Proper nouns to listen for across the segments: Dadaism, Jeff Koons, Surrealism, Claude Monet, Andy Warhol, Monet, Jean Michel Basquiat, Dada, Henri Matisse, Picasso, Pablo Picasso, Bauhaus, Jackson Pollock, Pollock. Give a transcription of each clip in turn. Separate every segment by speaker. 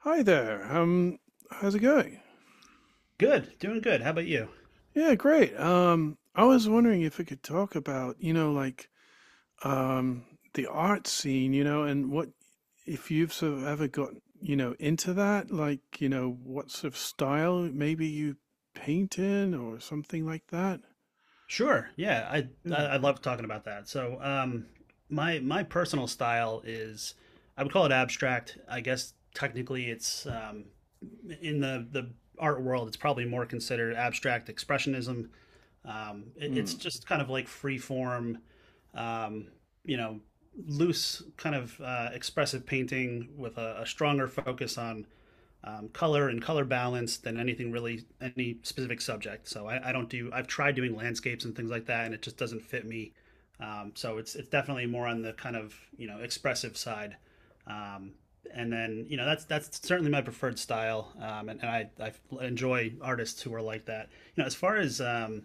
Speaker 1: Hi there. How's it going?
Speaker 2: Good, doing good. How about you?
Speaker 1: Yeah, great. I was wondering if we could talk about, you know, like, um, the art scene, you know, and what if you've sort of ever got, you know, into that, like, you know, what sort of style maybe you paint in or something like that.
Speaker 2: Sure. Yeah, I
Speaker 1: Yeah.
Speaker 2: I, I love talking about that. My personal style is I would call it abstract. I guess technically it's in the art world, it's probably more considered abstract expressionism. Um, it-
Speaker 1: Hmm.
Speaker 2: it's just kind of like free form, um, you know, loose kind of expressive painting with a stronger focus on color and color balance than anything really any specific subject. So I don't do I've tried doing landscapes and things like that, and it just doesn't fit me. It's definitely more on the kind of you know expressive side. Um, and then you know that's certainly my preferred style, and I enjoy artists who are like that. You know, as far as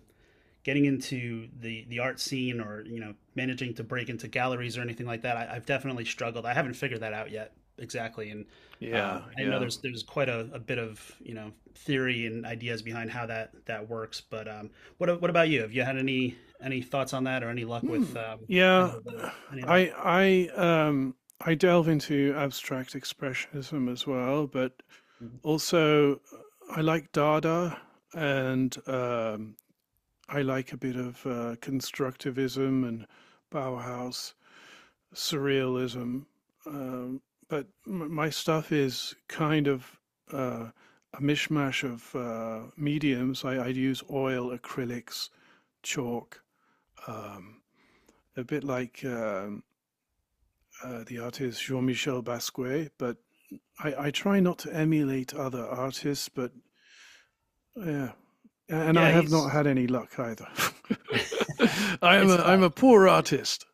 Speaker 2: getting into the art scene or you know managing to break into galleries or anything like that, have definitely struggled. I haven't figured that out yet exactly. And
Speaker 1: Yeah,
Speaker 2: I know
Speaker 1: yeah.
Speaker 2: there's quite a bit of you know theory and ideas behind how that works, but what about you? Have you had any thoughts on that or any luck
Speaker 1: Hmm.
Speaker 2: with any
Speaker 1: Yeah,
Speaker 2: of the any of that?
Speaker 1: I I delve into abstract expressionism as well, but also, I like Dada, and I like a bit of constructivism and Bauhaus surrealism. Um, but my stuff is kind of uh, a mishmash of mediums. I'd use oil, acrylics, chalk, um, a bit like the artist Jean Michel Basquiat. But I try not to emulate other artists, but yeah, and I
Speaker 2: Yeah,
Speaker 1: have not
Speaker 2: he's
Speaker 1: had any luck either. I am
Speaker 2: it's
Speaker 1: I'm
Speaker 2: tough.
Speaker 1: a poor artist.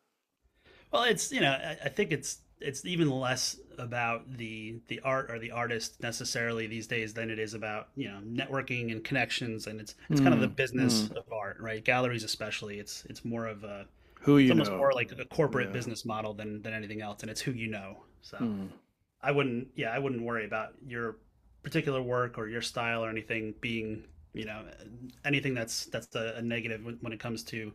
Speaker 2: Well, it's you know, I think it's even less about the art or the artist necessarily these days than it is about you know networking and connections, and it's kind of the
Speaker 1: Hmm.
Speaker 2: business
Speaker 1: Hmm.
Speaker 2: of art, right? Galleries especially, it's more of a
Speaker 1: Who
Speaker 2: it's
Speaker 1: you
Speaker 2: almost
Speaker 1: know?
Speaker 2: more like a corporate
Speaker 1: Yeah.
Speaker 2: business model than anything else, and it's who you know. So
Speaker 1: Hmm.
Speaker 2: I wouldn't. Yeah, I wouldn't worry about your particular work or your style or anything being you know anything that's a negative it comes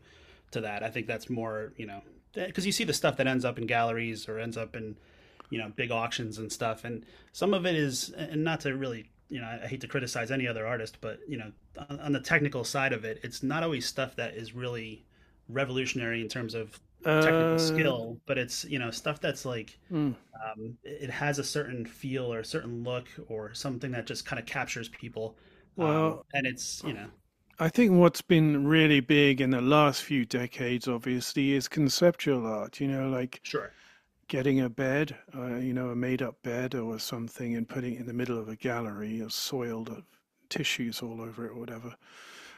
Speaker 2: to that. I think that's more you know because you see the stuff that ends up in galleries or ends up in you know big auctions and stuff, and some of it is and not to really you know I hate to criticize any other artist, but you know on the technical side of it, it's not always stuff that is really revolutionary in terms of technical
Speaker 1: Uh.
Speaker 2: skill, but it's you know stuff that's like
Speaker 1: Mm.
Speaker 2: it has a certain feel or a certain look or something that just kind of captures people.
Speaker 1: Well,
Speaker 2: And it's you know
Speaker 1: I think what's been really big in the last few decades, obviously, is conceptual art. You know, like
Speaker 2: sure
Speaker 1: getting a bed, you know, a made-up bed or something, and putting it in the middle of a gallery or soiled of tissues all over it or whatever.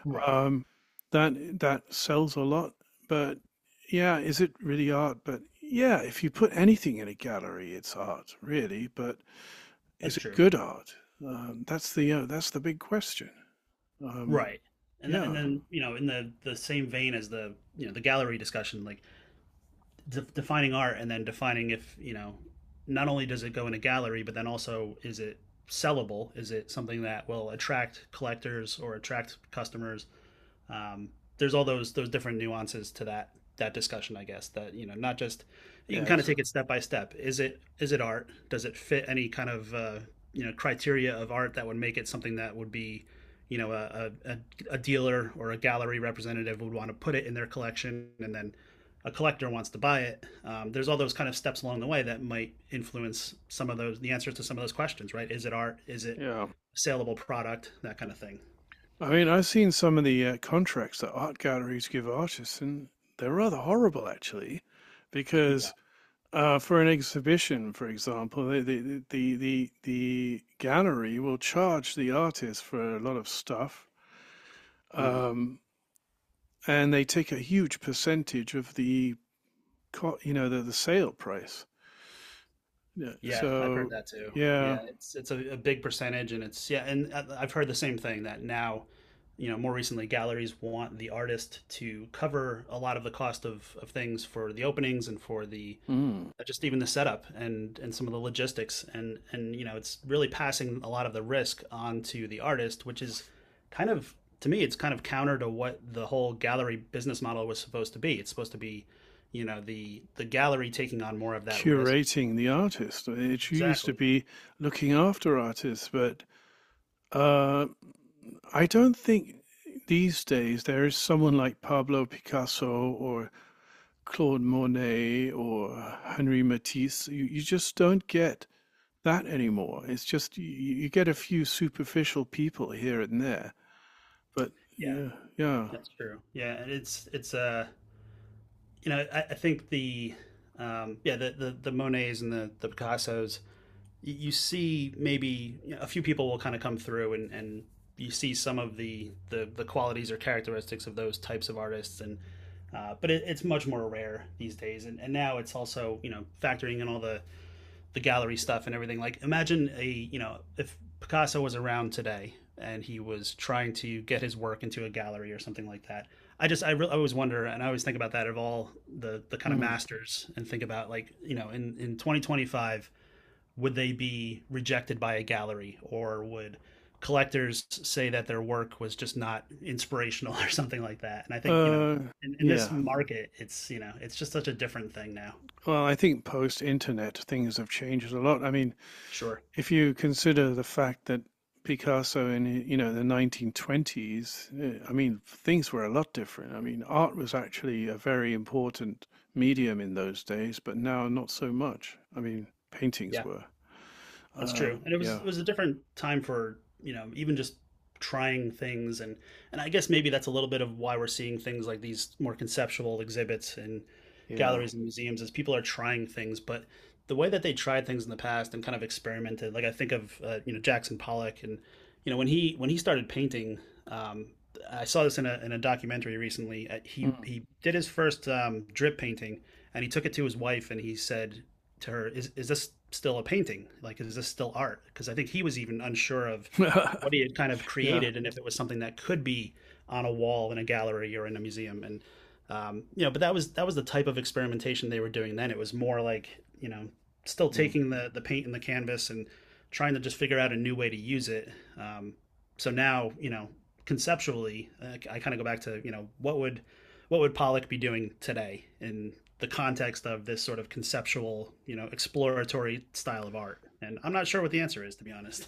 Speaker 2: right
Speaker 1: Um, that sells a lot, but yeah, is it really art? But yeah, if you put anything in a gallery, it's art, really. But
Speaker 2: that's
Speaker 1: is it
Speaker 2: true
Speaker 1: good art? That's the that's the big question. Um,
Speaker 2: right. And
Speaker 1: yeah.
Speaker 2: then you know in the same vein as the you know the gallery discussion, like defining art and then defining if you know not only does it go in a gallery, but then also is it sellable, is it something that will attract collectors or attract customers? um, there's all those different nuances to that that discussion, I guess, that you know not just you can kind of
Speaker 1: Yes.
Speaker 2: take it step by step. Is it is it art? Does it fit any kind of you know criteria of art that would make it something that would be you know a dealer or a gallery representative would want to put it in their collection, and then a collector wants to buy it? There's all those kind of steps along the way that might influence some of those the answers to some of those questions, right? Is it art? Is it
Speaker 1: Yeah.
Speaker 2: a saleable product? That kind of thing.
Speaker 1: I mean, I've seen some of the contracts that art galleries give artists, and they're rather horrible, actually,
Speaker 2: Yeah.
Speaker 1: because for an exhibition, for example, the gallery will charge the artist for a lot of stuff,
Speaker 2: Mm-hmm.
Speaker 1: um, and they take a huge percentage of the you know the sale price. Yeah.
Speaker 2: Yeah, I've heard
Speaker 1: So
Speaker 2: that too.
Speaker 1: yeah,
Speaker 2: Yeah, it's a big percentage, and it's yeah, and I've heard the same thing that now, you know, more recently, galleries want the artist to cover a lot of the cost of things for the openings and for the
Speaker 1: mm.
Speaker 2: just even the setup and some of the logistics, and you know, it's really passing a lot of the risk onto the artist, which is kind of to me, it's kind of counter to what the whole gallery business model was supposed to be. It's supposed to be, you know, the gallery taking on more of that risk.
Speaker 1: curating the artist. It used to
Speaker 2: Exactly.
Speaker 1: be looking after artists, but uh, I don't think these days there is someone like Pablo Picasso or Claude Monet or Henri Matisse. You just don't get that anymore. It's just you get a few superficial people here and there, but
Speaker 2: Yeah.
Speaker 1: yeah, yeah.
Speaker 2: That's true. Yeah, and it's you know I think the yeah the Monets and the Picassos you see maybe you know, a few people will kind of come through and you see some of the qualities or characteristics of those types of artists. And but it's much more rare these days and now it's also you know factoring in all the gallery stuff and everything. Like imagine a you know if Picasso was around today and he was trying to get his work into a gallery or something like that. I just I always wonder, and I always think about that of all the kind of
Speaker 1: Hmm.
Speaker 2: masters, and think about like you know in 2025 would they be rejected by a gallery, or would collectors say that their work was just not inspirational or something like that? And I think you know
Speaker 1: Uh,
Speaker 2: in this
Speaker 1: yeah.
Speaker 2: market it's you know it's just such a different thing now
Speaker 1: Well, I think post internet things have changed a lot. I mean,
Speaker 2: sure.
Speaker 1: if you consider the fact that Picasso in you know the 1920s, I mean things were a lot different. I mean art was actually a very important medium in those days, but now not so much. I mean paintings
Speaker 2: yeah,
Speaker 1: were.
Speaker 2: that's true. And
Speaker 1: Yeah,
Speaker 2: it was a different time for, you know, even just trying things and I guess maybe that's a little bit of why we're seeing things like these more conceptual exhibits in
Speaker 1: yeah,
Speaker 2: galleries and museums, is people are trying things, but the way that they tried things in the past and kind of experimented, like I think of you know Jackson Pollock and you know when he started painting, um, I saw this in a documentary recently.
Speaker 1: mm.
Speaker 2: He did his first drip painting, and he took it to his wife, and he said to her, is this still a painting? Like, is this still art? Because I think he was even unsure of what he had kind of
Speaker 1: Yeah.
Speaker 2: created and if it was something that could be on a wall in a gallery or in a museum. You know, but that was the type of experimentation they were doing then. It was more like, you know, still
Speaker 1: Mm.
Speaker 2: taking the paint and the canvas and trying to just figure out a new way to use it. Um, so now, you know, conceptually, I kind of go back to, you know, what would Pollock be doing today in the context of this sort of conceptual, you know, exploratory style of art? And I'm not sure what the answer is, to be honest.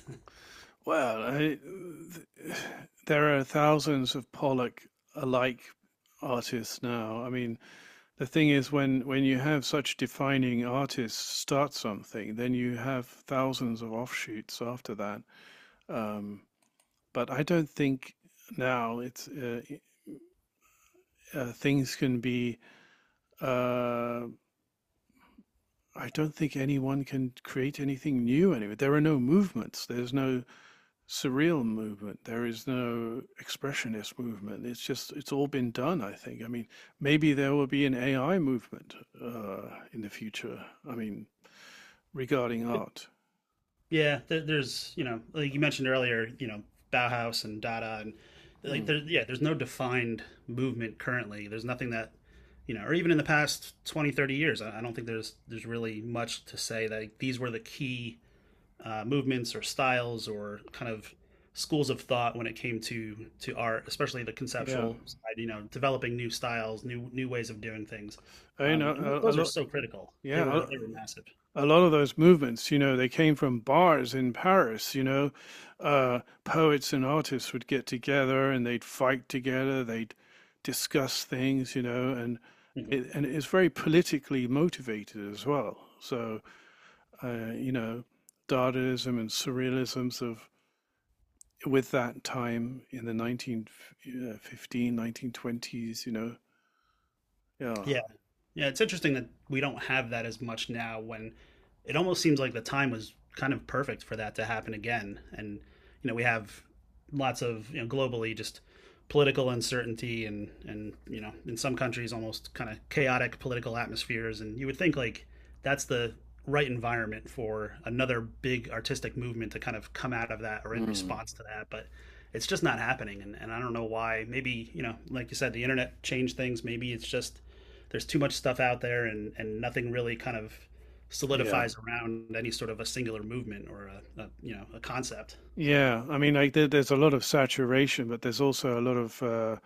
Speaker 1: Well, there are thousands of Pollock alike artists now. I mean, the thing is when you have such defining artists start something then you have thousands of offshoots after that um, but I don't think now it's things can be uh, I don't think anyone can create anything new anyway there are no movements there's no surreal movement there is no expressionist movement it's just it's all been done I think I mean maybe there will be an AI movement uh, in the future I mean regarding art.
Speaker 2: Yeah, there, there's, you know, like you mentioned earlier, you know, Bauhaus and Dada, and like,
Speaker 1: Hmm.
Speaker 2: there, yeah, there's no defined movement currently. There's nothing that, you know, or even in the past 20, 30 years, I don't think there's really much to say that like, these were the key movements or styles or kind of schools of thought when it came to art, especially the
Speaker 1: Yeah,
Speaker 2: conceptual side. You know, developing new styles, new new ways of doing things,
Speaker 1: I know
Speaker 2: and
Speaker 1: a
Speaker 2: those are
Speaker 1: lot.
Speaker 2: so critical.
Speaker 1: Yeah,
Speaker 2: They were massive.
Speaker 1: a lot of those movements, you know, they came from bars in Paris. You know, poets and artists would get together and they'd fight together. They'd discuss things, you know, and
Speaker 2: Mhm.
Speaker 1: and it's very politically motivated as well. So, you know, Dadaism and Surrealism's of with that time in the 1915, 1920s, you know, yeah.
Speaker 2: Yeah, yeah, it's interesting that we don't have that as much now, when it almost seems like the time was kind of perfect for that to happen again. And, you know, we have lots of, you know, globally just political uncertainty and, you know, in some countries almost kind of chaotic political atmospheres. And you would think like that's the right environment for another big artistic movement to kind of come out of that or in
Speaker 1: Hmm.
Speaker 2: response to that. But it's just not happening. And I don't know why. Maybe, you know, like you said, the internet changed things. Maybe it's just there's too much stuff out there, and nothing really kind of
Speaker 1: Yeah.
Speaker 2: solidifies around any sort of a singular movement or a you know a concept so
Speaker 1: Yeah, I mean, like there, there's a lot of saturation, but there's also a lot of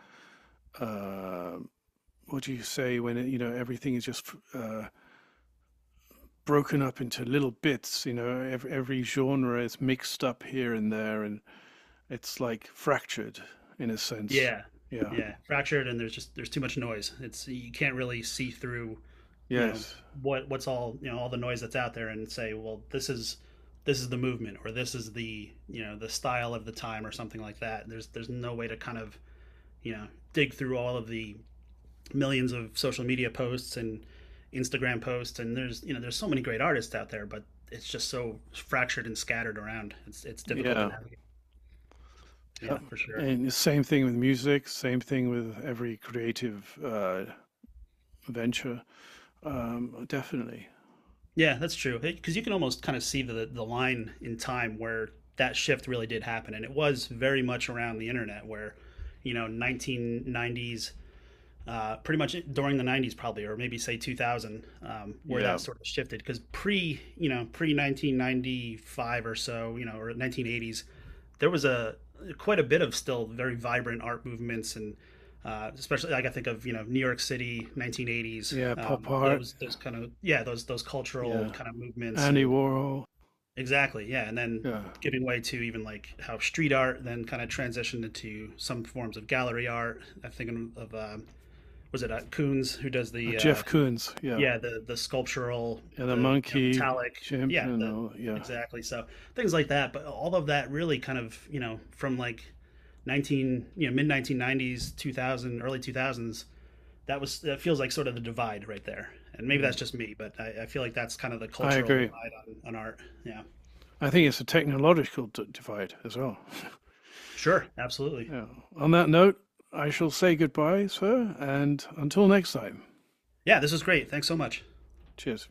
Speaker 1: uh, what do you say when it, you know everything is just uh, broken up into little bits. You know, every genre is mixed up here and there, and it's like fractured in a sense.
Speaker 2: yeah
Speaker 1: Yeah.
Speaker 2: yeah fractured. And there's just there's too much noise. It's you can't really see through you know
Speaker 1: Yes.
Speaker 2: what what's all you know all the noise that's out there and say, well, this is the movement, or this is the you know the style of the time or something like that. There's no way to kind of you know dig through all of the millions of social media posts and Instagram posts, and there's you know there's so many great artists out there, but it's just so fractured and scattered around. It's difficult to
Speaker 1: Yeah.
Speaker 2: navigate. Yeah,
Speaker 1: Yep.
Speaker 2: for sure.
Speaker 1: And the same thing with music. Same thing with every creative venture. Definitely.
Speaker 2: Yeah, that's true. Because you can almost kind of see the line in time where that shift really did happen, and it was very much around the internet, where you know 1990s pretty much during the 90s probably, or maybe say 2000 where
Speaker 1: Yeah.
Speaker 2: that sort of shifted. Because pre you know pre 1995 or so you know or 1980s there was a quite a bit of still very vibrant art movements and especially like I think of you know New York City 1980s
Speaker 1: Yeah. Pop art.
Speaker 2: those kind of yeah those cultural
Speaker 1: Yeah.
Speaker 2: kind of movements
Speaker 1: Andy
Speaker 2: and
Speaker 1: Warhol.
Speaker 2: exactly yeah. And then
Speaker 1: Yeah.
Speaker 2: giving way to even like how street art then kind of transitioned into some forms of gallery art. I'm thinking of was it Coons who does the
Speaker 1: Jeff Koons. Yeah.
Speaker 2: yeah the sculptural
Speaker 1: And a
Speaker 2: the you know,
Speaker 1: monkey,
Speaker 2: metallic
Speaker 1: chimp,
Speaker 2: yeah
Speaker 1: and
Speaker 2: the
Speaker 1: all. Yeah.
Speaker 2: exactly. So things like that, but all of that really kind of you know from like 19 you know mid 1990s 2000 early 2000s, that was that feels like sort of the divide right there. And maybe
Speaker 1: Mm.
Speaker 2: that's just me, but I feel like that's kind of the
Speaker 1: I
Speaker 2: cultural
Speaker 1: agree.
Speaker 2: divide on art yeah
Speaker 1: I think it's a technological divide as well.
Speaker 2: sure absolutely.
Speaker 1: Yeah. On that note, I shall say goodbye, sir, and until next time.
Speaker 2: Yeah, this was great, thanks so much.
Speaker 1: Cheers.